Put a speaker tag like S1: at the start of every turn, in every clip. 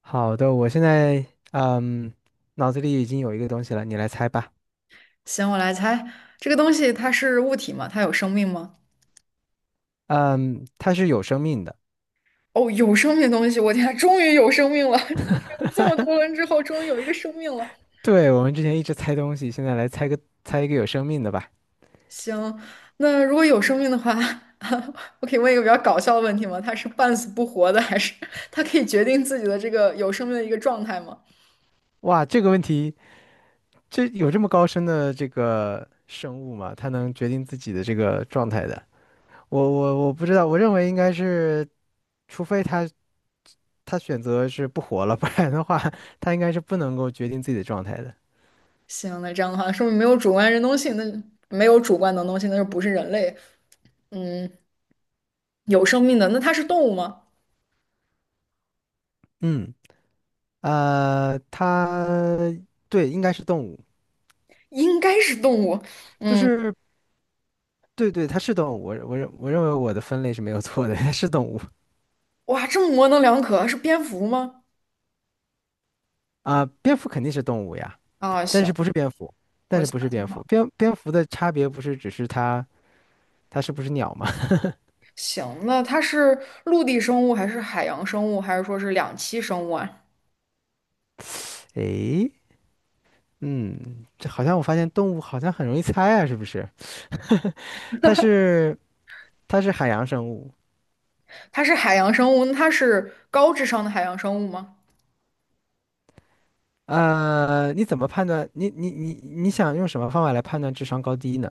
S1: 好的，我现在嗯，脑子里已经有一个东西了，你来猜吧。
S2: 行，我来猜，这个东西它是物体吗？它有生命吗？
S1: 嗯，它是有生命的。
S2: 哦，有生命的东西，我天啊 终于有生命了！这么多轮之后，终于有一个生命了。
S1: 对，我们之前一直猜东西，现在来猜个一个有生命的吧。
S2: 行，那如果有生命的话，我可以问一个比较搞笑的问题吗？它是半死不活的，还是它可以决定自己的这个有生命的一个状态吗？
S1: 哇，这个问题，这有这么高深的这个生物吗？它能决定自己的这个状态的？我不知道，我认为应该是，除非它选择是不活了，不然的话，它应该是不能够决定自己的状态的。
S2: 行，那这样的话，说明没有主观能动性，那就没有主观能动性，那就不是人类。嗯，有生命的，那它是动物吗？
S1: 嗯，它对，应该是动物，
S2: 应该是动物。
S1: 就
S2: 嗯。
S1: 是。对对，它是动物，我认为我的分类是没有错的，它是动物
S2: 哇，这么模棱两可，是蝙蝠吗？
S1: 啊，蝙蝠肯定是动物呀，
S2: 啊，
S1: 但
S2: 行，
S1: 是不是蝙蝠，但
S2: 我
S1: 是
S2: 想
S1: 不是蝙
S2: 想
S1: 蝠，
S2: 好，
S1: 蝙蝠的差别不是只是它它是不是鸟吗？
S2: 行，那它是陆地生物还是海洋生物，还是说是两栖生物啊？
S1: 诶，嗯，这好像我发现动物好像很容易猜啊，是不是？它是它是海洋生物，
S2: 它是海洋生物，那它是高智商的海洋生物吗？
S1: 呃，你怎么判断？你想用什么方法来判断智商高低呢？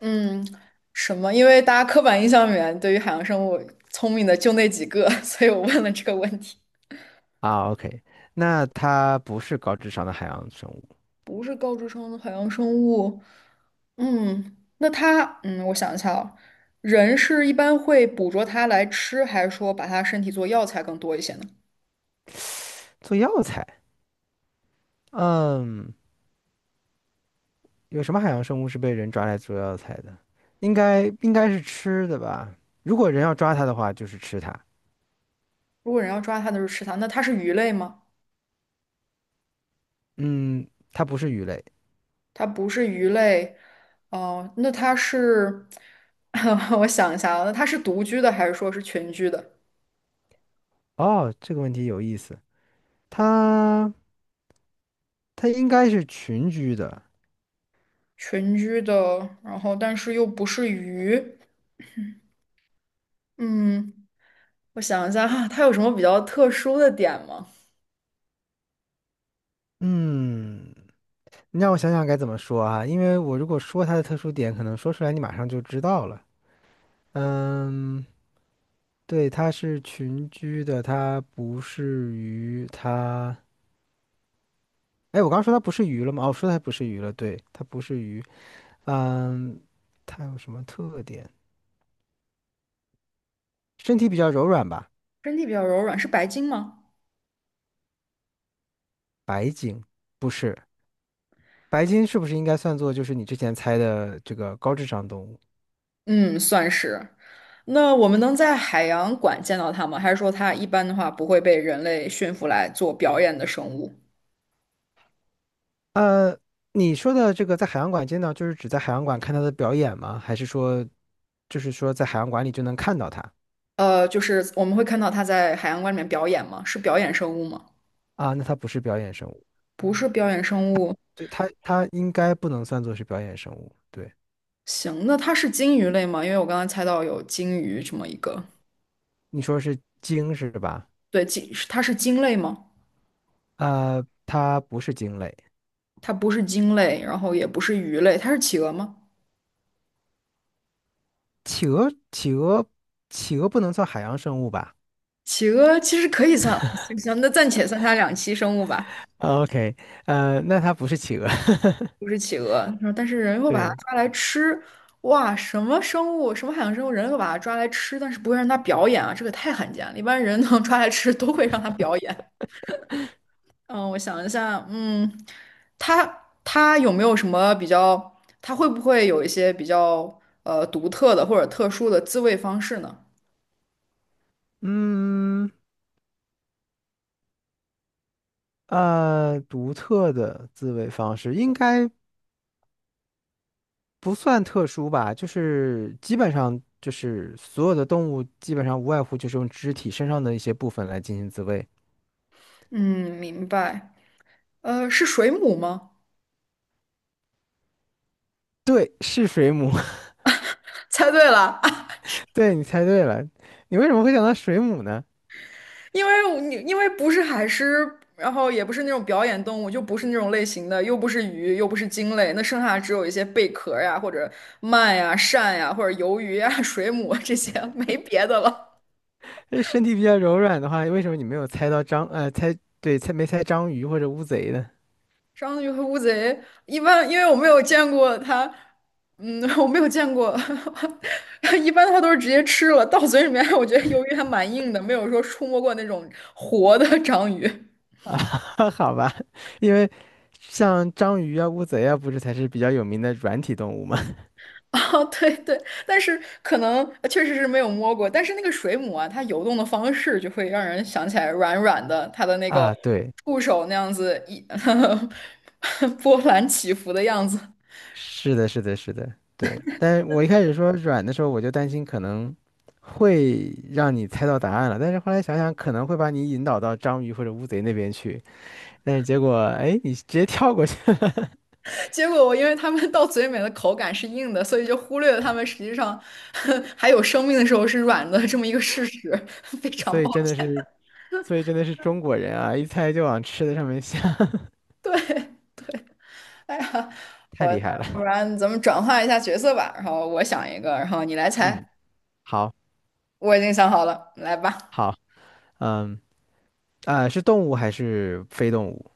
S2: 嗯，什么？因为大家刻板印象里面对于海洋生物聪明的就那几个，所以我问了这个问题。
S1: 啊，OK，那它不是高智商的海洋生物，
S2: 不是高智商的海洋生物，嗯，那它，嗯，我想一下啊，人是一般会捕捉它来吃，还是说把它身体做药材更多一些呢？
S1: 做药材，嗯。有什么海洋生物是被人抓来做药材的？应该是吃的吧？如果人要抓它的话，就是吃它。
S2: 如果人要抓它的是吃它，那它是鱼类吗？
S1: 嗯，它不是鱼类。
S2: 它不是鱼类，哦、那它是，我想一下啊，那它是独居的还是说是群居的？
S1: 哦，这个问题有意思。它它应该是群居的。
S2: 群居的，然后但是又不是鱼，嗯，我想一下哈，它有什么比较特殊的点吗？
S1: 嗯，你让我想想该怎么说啊？因为我如果说它的特殊点，可能说出来你马上就知道了。嗯，对，它是群居的，它不是鱼，它……哎，我刚刚说它不是鱼了吗？哦，我说它不是鱼了，对，它不是鱼。嗯，它有什么特点？身体比较柔软吧，
S2: 身体比较柔软，是白鲸吗？
S1: 白鲸不是，白鲸是不是应该算作就是你之前猜的这个高智商动物？
S2: 嗯，算是。那我们能在海洋馆见到它吗？还是说它一般的话不会被人类驯服来做表演的生物？
S1: 呃，你说的这个在海洋馆见到，就是指在海洋馆看它的表演吗？还是说，就是说在海洋馆里就能看到它
S2: 呃，就是我们会看到它在海洋馆里面表演吗？是表演生物吗？
S1: 啊？那它不是表演生物，
S2: 不是表演生物。
S1: 对，它应该不能算作是表演生物。对，
S2: 行，那它是鲸鱼类吗？因为我刚刚猜到有鲸鱼这么一个。
S1: 你说是鲸是吧？
S2: 对，鲸，它是鲸类吗？
S1: 呃，它不是鲸类，
S2: 它不是鲸类，然后也不是鱼类，它是企鹅吗？
S1: 企鹅，企鹅，企鹅不能算海洋生物吧？
S2: 企鹅其实可以算，行行，那暂且算它两栖生物吧，
S1: 哦 OK，呃，那它不是企鹅，
S2: 不是企鹅。然后但是人会把它
S1: 对，
S2: 抓来吃，哇，什么生物，什么海洋生物，人会把它抓来吃，但是不会让它表演啊，这个太罕见了。一般人能 抓来吃，都会让它表演。嗯，我想一下，嗯，它有没有什么比较，它会不会有一些比较独特的或者特殊的自卫方式呢？
S1: 嗯，呃，独特的自卫方式应该不算特殊吧，就是基本上就是所有的动物基本上无外乎就是用肢体身上的一些部分来进行自卫。
S2: 嗯，明白。呃，是水母吗？
S1: 对，是水母，
S2: 猜对了，
S1: 对，你猜对了，你为什么会想到水母呢？
S2: 因为我你因为不是海狮，然后也不是那种表演动物，就不是那种类型的，又不是鱼，又不是鲸类，那剩下只有一些贝壳呀，或者鳗呀、鳝呀，或者鱿鱼呀、水母啊这些，没别的了。
S1: 呃身体比较柔软的话，为什么你没有猜到章，呃，猜，对，猜没猜章鱼或者乌贼呢？
S2: 章鱼和乌贼，一般因为我没有见过它，嗯，我没有见过，一般它都是直接吃了，到嘴里面，我觉得鱿鱼还蛮硬的，没有说触摸过那种活的章鱼。
S1: 啊，好吧，因为像章鱼啊、乌贼啊，不是才是比较有名的软体动物吗？
S2: 啊，对对，但是可能确实是没有摸过，但是那个水母啊，它游动的方式就会让人想起来软软的，它的那个
S1: 啊，对，
S2: 触手那样子一 波澜起伏的样子。
S1: 是的，是的，是的，对。但我一开始说软的时候，我就担心可能会让你猜到答案了，但是后来想想，可能会把你引导到章鱼或者乌贼那边去，但是结果，哎，你直接跳过去了，
S2: 结果我因为他们到嘴里面的口感是硬的，所以就忽略了他们实际上 还有生命的时候是软的这么一个事实，非常
S1: 所
S2: 不
S1: 以
S2: 好。
S1: 真的是，所以真的是中国人啊，一猜就往吃的上面想，
S2: 对 对，哎呀，
S1: 太
S2: 我那
S1: 厉害
S2: 不
S1: 了。
S2: 然咱们转换一下角色吧，然后我想一个，然后你来
S1: 嗯，
S2: 猜，
S1: 好，
S2: 我已经想好了，来吧。
S1: 好，嗯，啊，是动物还是非动物？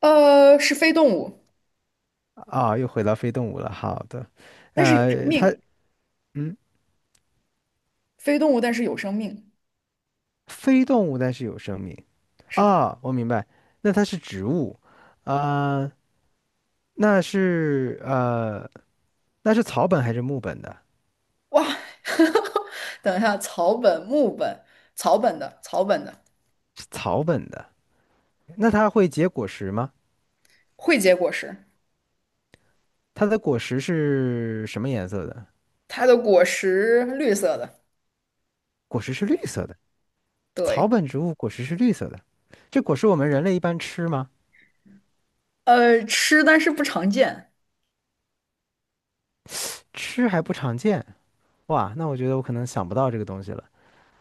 S2: 呃，是非动物，
S1: 啊，啊又回到非动物了。好的，
S2: 但是有生
S1: 呃，
S2: 命，非动物但是有生命，
S1: 非动物但是有生命。
S2: 是的。
S1: 啊，我明白，那它是植物，啊、那是呃，那是草本还是木本的？
S2: 哇，等一下，草本、木本、草本的
S1: 是草本的。那它会结果实吗？
S2: 会结果实，
S1: 它的果实是什么颜色的？
S2: 它的果实绿色的。
S1: 果实是绿色的。
S2: 对，
S1: 草本植物果实是绿色的。这果实我们人类一般吃吗？
S2: 呃，吃但是不常见，
S1: 吃还不常见。哇，那我觉得我可能想不到这个东西了。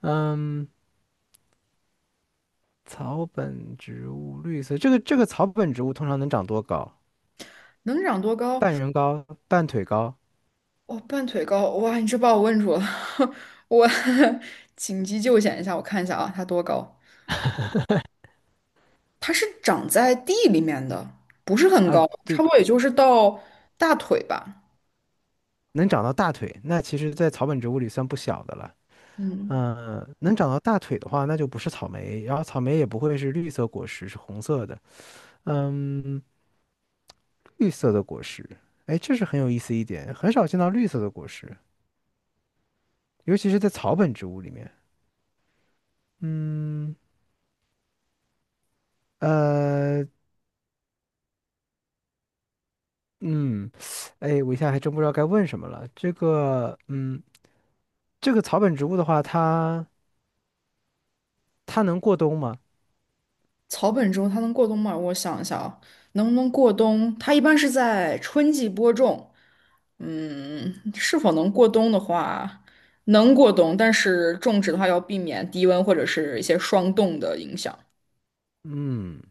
S1: 嗯。草本植物绿色，这个草本植物通常能长多高？
S2: 能长多高？
S1: 半人高、半腿高
S2: 哦，半腿高，哇，你这把我问住了，我 紧急救险一下，我看一下啊，它多高？它是长在地里面的，不是很
S1: 啊？
S2: 高，差
S1: 对，
S2: 不多也就是到大腿吧。
S1: 能长到大腿，那其实，在草本植物里算不小的了。
S2: 嗯，
S1: 嗯、能长到大腿的话，那就不是草莓，然后草莓也不会是绿色果实，是红色的。嗯，绿色的果实，哎，这是很有意思一点，很少见到绿色的果实，尤其是在草本植物里面。嗯，呃，嗯，哎，我一下还真不知道该问什么了。这个，嗯。这个草本植物的话，它能过冬吗？
S2: 草本植物它能过冬吗？我想一下啊，能不能过冬？它一般是在春季播种。嗯，是否能过冬的话，能过冬，但是种植的话要避免低温或者是一些霜冻的影响。
S1: 嗯，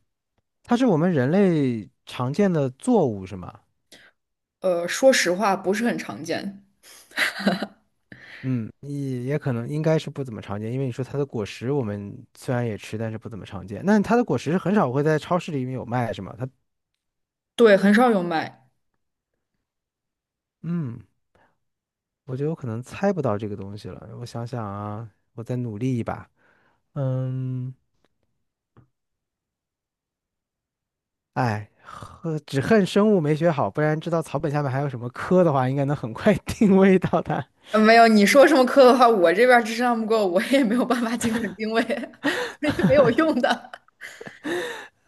S1: 它是我们人类常见的作物是吗？
S2: 呃，说实话不是很常见，
S1: 嗯，也也可能应该是不怎么常见，因为你说它的果实我们虽然也吃，但是不怎么常见。那它的果实是很少会在超市里面有卖是吗？它
S2: 对，很少有卖。
S1: 嗯，我觉得我可能猜不到这个东西了。我想想啊，我再努力一把。嗯，哎，呵只恨生物没学好，不然知道草本下面还有什么科的话，应该能很快 定位到它。
S2: 呃没有，你说什么科的话，我这边儿智商不够，我也没有办法精准定位，所以没有用的。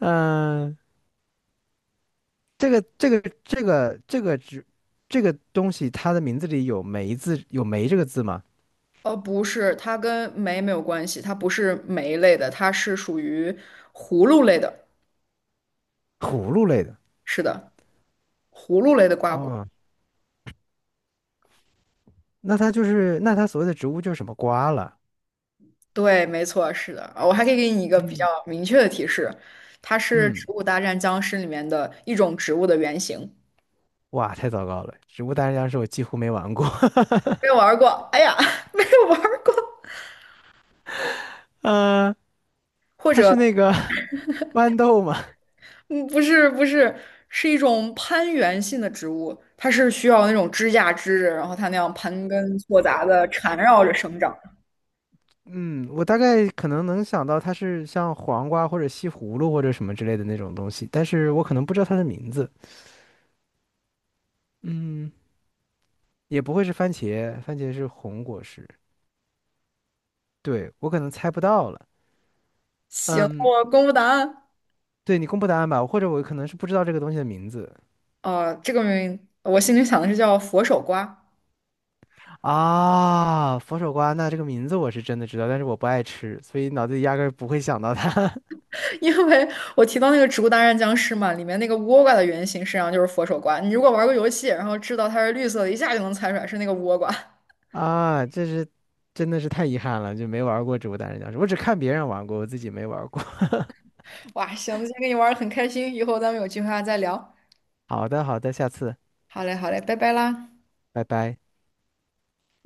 S1: 嗯、这个这个这个这个植这个东西，它的名字里有梅字，有梅这个字吗？
S2: 呃，不是，它跟酶没有关系，它不是酶类的，它是属于葫芦类的。
S1: 葫芦类的。
S2: 是的，葫芦类的瓜果。
S1: 哦，那它就是那它所谓的植物就是什么瓜了。
S2: 对，没错，是的。啊我还可以给你一个比较
S1: 嗯，
S2: 明确的提示，它是
S1: 嗯，
S2: 《植物大战僵尸》里面的一种植物的原型。
S1: 哇，太糟糕了！植物大战僵尸我几乎没玩过。
S2: 没有玩儿过，哎呀，没有玩儿过。
S1: 呃，
S2: 或
S1: 它
S2: 者，
S1: 是那个 豌豆吗？
S2: 嗯，不是，不是，是一种攀援性的植物，它是需要那种支架支着，然后它那样盘根错杂的缠绕着生长。
S1: 嗯，我大概可能能想到它是像黄瓜或者西葫芦或者什么之类的那种东西，但是我可能不知道它的名字。嗯，也不会是番茄，番茄是红果实。对，我可能猜不到了。嗯，
S2: 我公布答案。
S1: 对你公布答案吧，或者我可能是不知道这个东西的名字
S2: 呃，这个名我心里想的是叫佛手瓜，
S1: 啊。佛手瓜，那这个名字我是真的知道，但是我不爱吃，所以脑子里压根儿不会想到它
S2: 因为我提到那个《植物大战僵尸》嘛，里面那个倭瓜的原型实际上就是佛手瓜。你如果玩过游戏，然后知道它是绿色的，一下就能猜出来是那个倭瓜。
S1: 啊。这是真的是太遗憾了，就没玩过植物大战僵尸，我只看别人玩过，我自己没玩过。
S2: 哇，行，今天跟你玩的很开心，以后咱们有机会还再聊。
S1: 好的，好的，下次，
S2: 好嘞，好嘞，拜拜啦。
S1: 拜拜。